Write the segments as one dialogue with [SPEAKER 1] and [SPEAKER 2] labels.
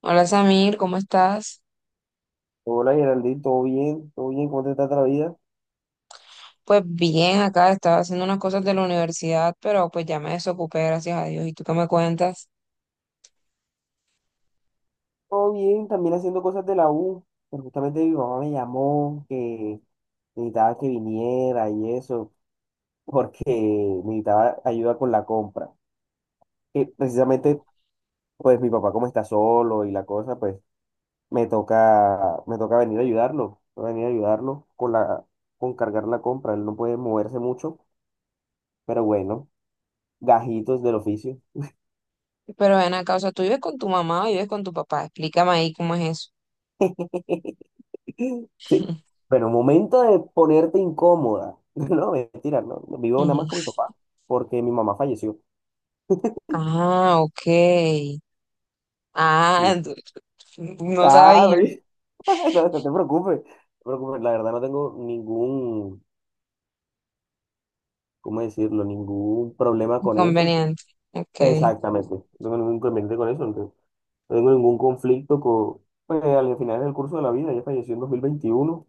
[SPEAKER 1] Hola, Samir, ¿cómo estás?
[SPEAKER 2] Hola Geraldine, ¿todo bien? ¿Todo bien? ¿Cómo te está la vida?
[SPEAKER 1] Pues bien, acá estaba haciendo unas cosas de la universidad, pero pues ya me desocupé, gracias a Dios. ¿Y tú qué me cuentas?
[SPEAKER 2] Todo bien, también haciendo cosas de la U. Pero justamente mi mamá me llamó que necesitaba que viniera y eso, porque necesitaba ayuda con la compra. Que precisamente, pues mi papá como está solo y la cosa, pues me toca venir a ayudarlo, con cargar la compra. Él no puede moverse mucho, pero bueno, gajitos del oficio.
[SPEAKER 1] Pero ven acá, o sea, ¿tú vives con tu mamá o vives con tu papá? Explícame ahí cómo es eso.
[SPEAKER 2] Sí. Pero momento de ponerte incómoda. No, mentira, no. Vivo nada
[SPEAKER 1] Ujú.
[SPEAKER 2] más con mi papá, porque mi mamá falleció.
[SPEAKER 1] Ah, ok. Ah,
[SPEAKER 2] Sí.
[SPEAKER 1] ent- no
[SPEAKER 2] Ah,
[SPEAKER 1] sabía.
[SPEAKER 2] oye, no, no te preocupes. No te preocupes. La verdad no tengo ningún, ¿cómo decirlo? Ningún problema con eso.
[SPEAKER 1] Inconveniente. Ok.
[SPEAKER 2] Exactamente. No tengo ningún inconveniente con eso. No no tengo ningún conflicto con. Pues al final del curso de la vida, ella falleció en 2021.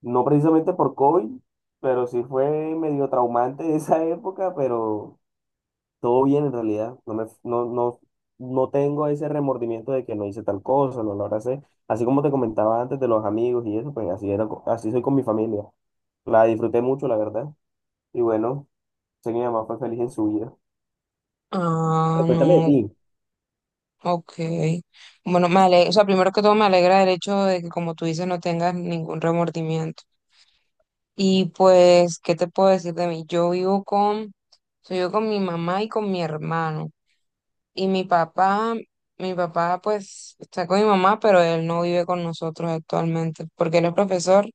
[SPEAKER 2] No precisamente por COVID, pero sí fue medio traumante esa época. Todo bien en realidad, no me, no, no, no tengo ese remordimiento de que no hice tal cosa, no lo abracé. Así como te comentaba antes de los amigos y eso, pues así era, así soy con mi familia. La disfruté mucho, la verdad. Y bueno, sé que mi mamá fue feliz en su vida.
[SPEAKER 1] Ah,
[SPEAKER 2] Pero cuéntame de
[SPEAKER 1] no,
[SPEAKER 2] ti.
[SPEAKER 1] ok. Bueno, o sea, primero que todo me alegra el hecho de que, como tú dices, no tengas ningún remordimiento. Y pues, ¿qué te puedo decir de mí? Yo vivo con Soy yo con mi mamá y con mi hermano. Y mi papá pues está con mi mamá, pero él no vive con nosotros actualmente, porque él es profesor,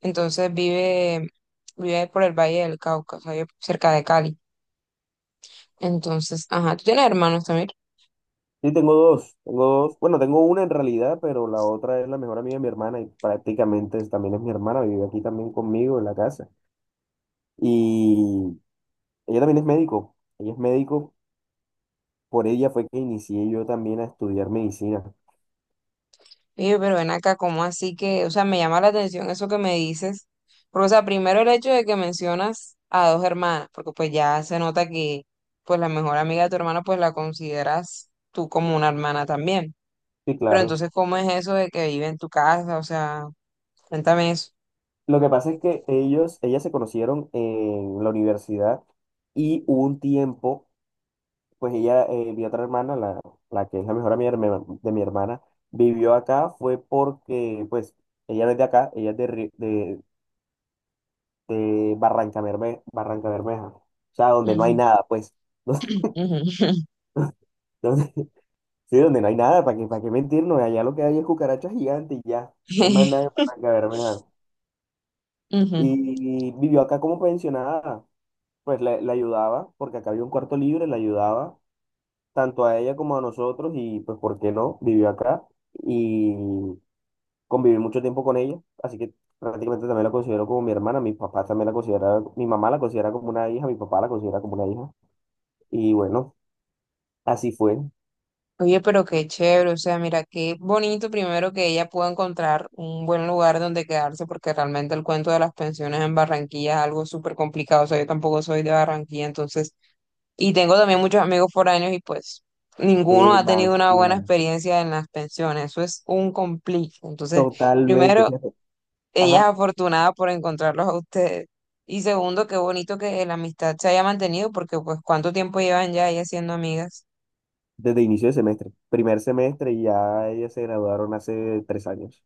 [SPEAKER 1] entonces vive, vive por el Valle del Cauca, o sea, vive cerca de Cali. Entonces, ajá, tú tienes hermanos también.
[SPEAKER 2] Sí, tengo dos. Bueno, tengo una en realidad, pero la otra es la mejor amiga de mi hermana y prácticamente también es mi hermana, vive aquí también conmigo en la casa. Y ella también es médico, ella es médico, por ella fue que inicié yo también a estudiar medicina.
[SPEAKER 1] Y yo, pero ven acá, ¿cómo así que, o sea, me llama la atención eso que me dices? Porque, o sea, primero el hecho de que mencionas a dos hermanas, porque pues ya se nota que, pues la mejor amiga de tu hermano, pues la consideras tú como una hermana también.
[SPEAKER 2] Sí,
[SPEAKER 1] Pero
[SPEAKER 2] claro.
[SPEAKER 1] entonces, ¿cómo es eso de que vive en tu casa? O sea, cuéntame eso.
[SPEAKER 2] Lo que pasa es que ellas se conocieron en la universidad y hubo un tiempo, pues ella, mi otra hermana, la que es la mejor amiga de de mi hermana, vivió acá, fue porque, pues, ella no es de acá, ella es de Barranca Bermeja, o sea, donde no hay
[SPEAKER 1] Ujú,
[SPEAKER 2] nada, pues,
[SPEAKER 1] ujú.
[SPEAKER 2] donde- sí, donde no hay nada, ¿para qué mentirnos? Allá lo que hay es cucarachas gigantes y ya, no hay más nada en Barranca Bermeja.
[SPEAKER 1] Ujú.
[SPEAKER 2] Y vivió acá como pensionada. Pues le ayudaba, porque acá había un cuarto libre, le ayudaba tanto a ella como a nosotros y pues, ¿por qué no? Vivió acá y conviví mucho tiempo con ella, así que prácticamente también la considero como mi hermana, mis papás también la consideran, mi mamá la considera como una hija, mi papá la considera como una hija y bueno, así fue,
[SPEAKER 1] Oye, pero qué chévere, o sea, mira, qué bonito primero que ella pueda encontrar un buen lugar donde quedarse, porque realmente el cuento de las pensiones en Barranquilla es algo súper complicado, o sea, yo tampoco soy de Barranquilla, entonces, y tengo también muchos amigos foráneos y pues ninguno ha tenido una buena
[SPEAKER 2] demasiado,
[SPEAKER 1] experiencia en las pensiones, eso es un complique, entonces,
[SPEAKER 2] totalmente,
[SPEAKER 1] primero,
[SPEAKER 2] fíjate,
[SPEAKER 1] ella es
[SPEAKER 2] ajá,
[SPEAKER 1] afortunada por encontrarlos a ustedes. Y segundo, qué bonito que la amistad se haya mantenido, porque pues cuánto tiempo llevan ya ellas siendo amigas.
[SPEAKER 2] desde inicio de semestre, primer semestre y ya ellas se graduaron hace 3 años.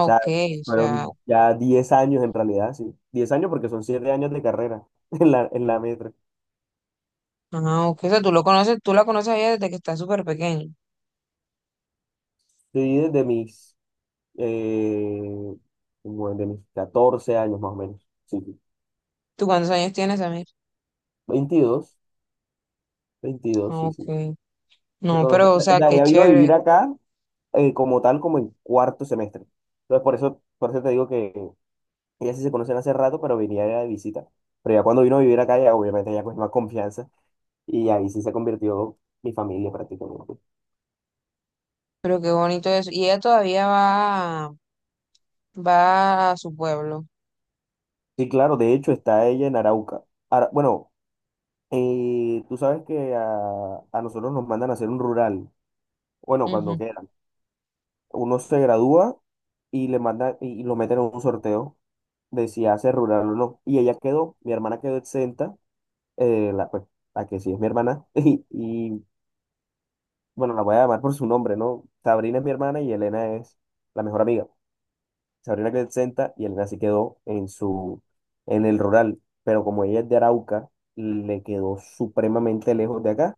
[SPEAKER 2] O sea,
[SPEAKER 1] ok, o sea,
[SPEAKER 2] fueron ya 10 años en realidad, sí. 10 años porque son 7 años de carrera en la metra.
[SPEAKER 1] ah, ok, o sea, tú lo conoces, tú la conoces a ella desde que está súper pequeña.
[SPEAKER 2] Sí, eh, como desde mis 14 años más o menos. Sí, sí.
[SPEAKER 1] ¿Tú cuántos años tienes, Amir?
[SPEAKER 2] Veintidós 22,
[SPEAKER 1] Ah,
[SPEAKER 2] sí, sí.
[SPEAKER 1] ok. No, pero, o
[SPEAKER 2] O
[SPEAKER 1] sea,
[SPEAKER 2] sea,
[SPEAKER 1] qué
[SPEAKER 2] ella vino a
[SPEAKER 1] chévere,
[SPEAKER 2] vivir acá como tal, como en cuarto semestre. Entonces, por eso te digo que ellas sí se conocen hace rato, pero venía de visita. Pero ya cuando vino a vivir acá, ya obviamente ya cogió más confianza y ahí sí se convirtió mi familia prácticamente.
[SPEAKER 1] pero qué bonito eso. Y ella todavía va, va a su pueblo.
[SPEAKER 2] Sí, claro, de hecho está ella en Arauca. Bueno, tú sabes que a nosotros nos mandan a hacer un rural, bueno, cuando
[SPEAKER 1] Ujú.
[SPEAKER 2] quieran. Uno se gradúa y le mandan y lo meten en un sorteo de si hace rural o no. Mi hermana quedó exenta, eh, la, pues, la que sí es mi hermana, bueno, la voy a llamar por su nombre, ¿no? Sabrina es mi hermana y Elena es la mejor amiga. Se abrió la Crescenta y Elena se quedó en el rural. Pero como ella es de Arauca, le quedó supremamente lejos de acá.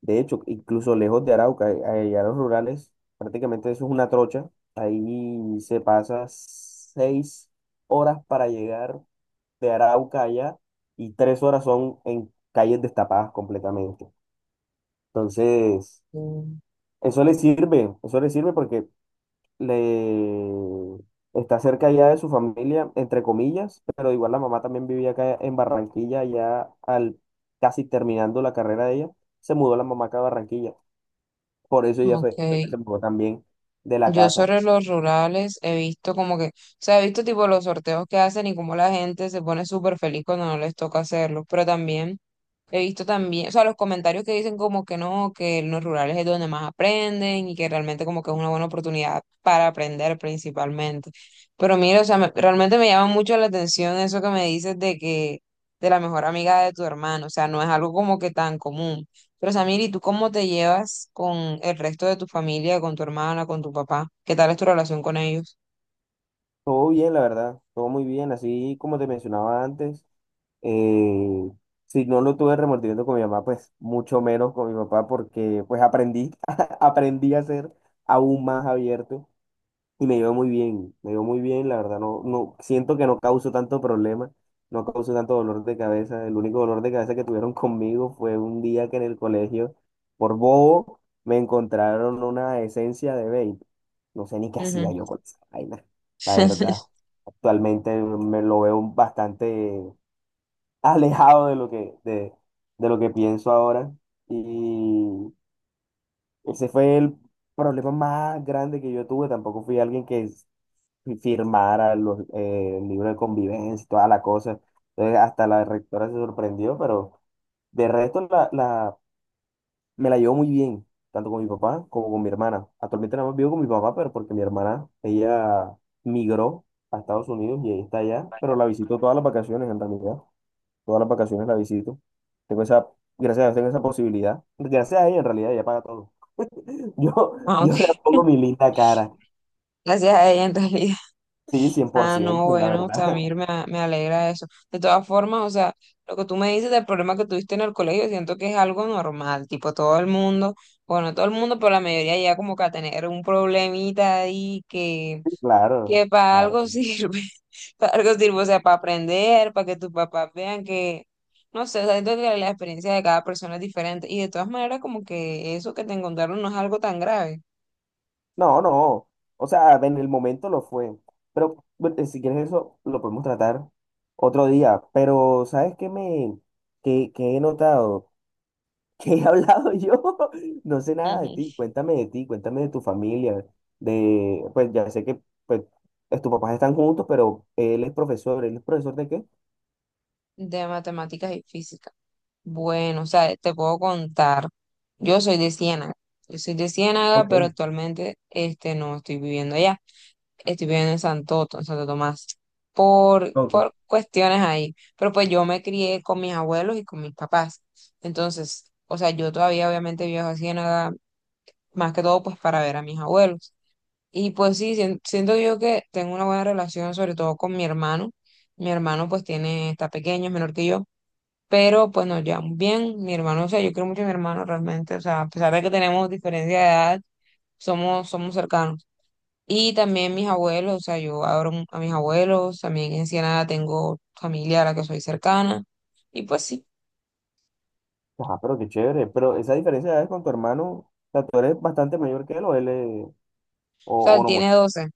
[SPEAKER 2] De hecho, incluso lejos de Arauca, allá en los rurales, prácticamente eso es una trocha. Ahí se pasa seis horas para llegar de Arauca allá y 3 horas son en calles destapadas completamente. Entonces,
[SPEAKER 1] Mm.
[SPEAKER 2] eso le sirve porque le está cerca ya de su familia, entre comillas, pero igual la mamá también vivía acá en Barranquilla, ya al casi terminando la carrera de ella, se mudó la mamá acá a Barranquilla. Por eso ella
[SPEAKER 1] Ok.
[SPEAKER 2] fue que se mudó también de la
[SPEAKER 1] Yo
[SPEAKER 2] casa.
[SPEAKER 1] sobre los rurales he visto como que, o sea, he visto tipo los sorteos que hacen y cómo la gente se pone súper feliz cuando no les toca hacerlo, pero también he visto también, o sea, los comentarios que dicen como que no, que en los rurales es donde más aprenden y que realmente como que es una buena oportunidad para aprender principalmente. Pero mira, o sea, realmente me llama mucho la atención eso que me dices de que, de la mejor amiga de tu hermano, o sea, no es algo como que tan común. Pero, Samir, ¿y tú cómo te llevas con el resto de tu familia, con tu hermana, con tu papá? ¿Qué tal es tu relación con ellos?
[SPEAKER 2] Todo bien, la verdad, todo muy bien, así como te mencionaba antes. eh, si no lo tuve remordimiento con mi mamá, pues mucho menos con mi papá, porque pues aprendí, aprendí a ser aún más abierto. Y me iba muy bien, la verdad, no, no, siento que no causo tanto problema, no causo tanto dolor de cabeza. El único dolor de cabeza que tuvieron conmigo fue un día que en el colegio, por bobo, me encontraron una esencia de vape. No sé ni qué
[SPEAKER 1] Ujú.
[SPEAKER 2] hacía yo con esa vaina, la verdad. Actualmente me lo veo bastante alejado de lo que, de lo que pienso ahora. Y ese fue el problema más grande que yo tuve. Tampoco fui alguien que y firmara el libro de convivencia y toda la cosa. Entonces, hasta la rectora se sorprendió, pero de resto me la llevo muy bien, tanto con mi papá como con mi hermana. Actualmente nada más vivo con mi papá, pero porque mi hermana, ella migró a Estados Unidos y ahí está allá, pero la visito todas las vacaciones en realidad. Todas las vacaciones la visito. Tengo esa, gracias a Dios tengo esa posibilidad. Gracias a ella en realidad ella paga todo. Yo,
[SPEAKER 1] Ah,
[SPEAKER 2] yo le
[SPEAKER 1] ok.
[SPEAKER 2] pongo mi linda cara.
[SPEAKER 1] Gracias a ella en realidad.
[SPEAKER 2] Sí, cien por
[SPEAKER 1] Ah, no,
[SPEAKER 2] ciento la
[SPEAKER 1] bueno,
[SPEAKER 2] verdad.
[SPEAKER 1] Samir, me alegra eso. De todas formas, o sea, lo que tú me dices del problema que tuviste en el colegio, siento que es algo normal, tipo todo el mundo, bueno, no todo el mundo, pero la mayoría ya como que a tener un problemita ahí
[SPEAKER 2] Sí, claro,
[SPEAKER 1] que para
[SPEAKER 2] claro.
[SPEAKER 1] algo
[SPEAKER 2] Claro.
[SPEAKER 1] sirve, para algo sirve, o sea, para aprender, para que tus papás vean que, no sé, o sea, siento que la experiencia de cada persona es diferente y de todas maneras como que eso que te encontraron no es algo tan grave.
[SPEAKER 2] No, no. O sea, en el momento lo fue. Pero bueno, si quieres eso, lo podemos tratar otro día. Pero, ¿sabes qué he notado? ¿Qué he hablado yo? No sé nada de
[SPEAKER 1] Ujú.
[SPEAKER 2] ti. Cuéntame de ti, cuéntame de tu familia. Pues ya sé que pues, tus papás están juntos, pero él es profesor. ¿Él es profesor de qué?
[SPEAKER 1] De matemáticas y física. Bueno, o sea, te puedo contar, yo soy de Ciénaga, yo soy de Ciénaga,
[SPEAKER 2] Ok,
[SPEAKER 1] pero actualmente este, no estoy viviendo allá. Estoy viviendo en en Santo Tomás,
[SPEAKER 2] ok.
[SPEAKER 1] por cuestiones ahí. Pero pues yo me crié con mis abuelos y con mis papás. Entonces, o sea, yo todavía obviamente viajo a Ciénaga, más que todo pues para ver a mis abuelos. Y pues sí, siento yo que tengo una buena relación, sobre todo con mi hermano. Mi hermano pues tiene, está pequeño, es menor que yo. Pero pues nos llevamos bien, mi hermano, o sea, yo quiero mucho a mi hermano realmente, o sea, a pesar de que tenemos diferencia de edad, somos cercanos. Y también mis abuelos, o sea, yo adoro a mis abuelos, también en Ciénaga tengo familia a la que soy cercana. Y pues sí,
[SPEAKER 2] Ajá, pero qué chévere. Pero esa diferencia de edades con tu hermano, o sea, tú eres bastante mayor que él o él es,
[SPEAKER 1] o sea,
[SPEAKER 2] o
[SPEAKER 1] él
[SPEAKER 2] no mucho.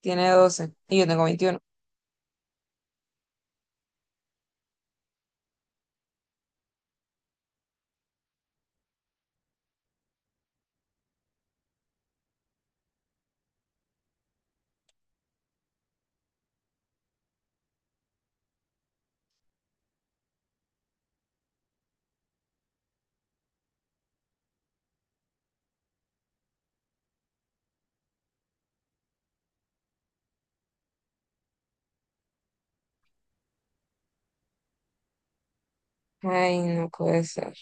[SPEAKER 1] tiene 12 y yo tengo 21. ¡Ay, no puede ser!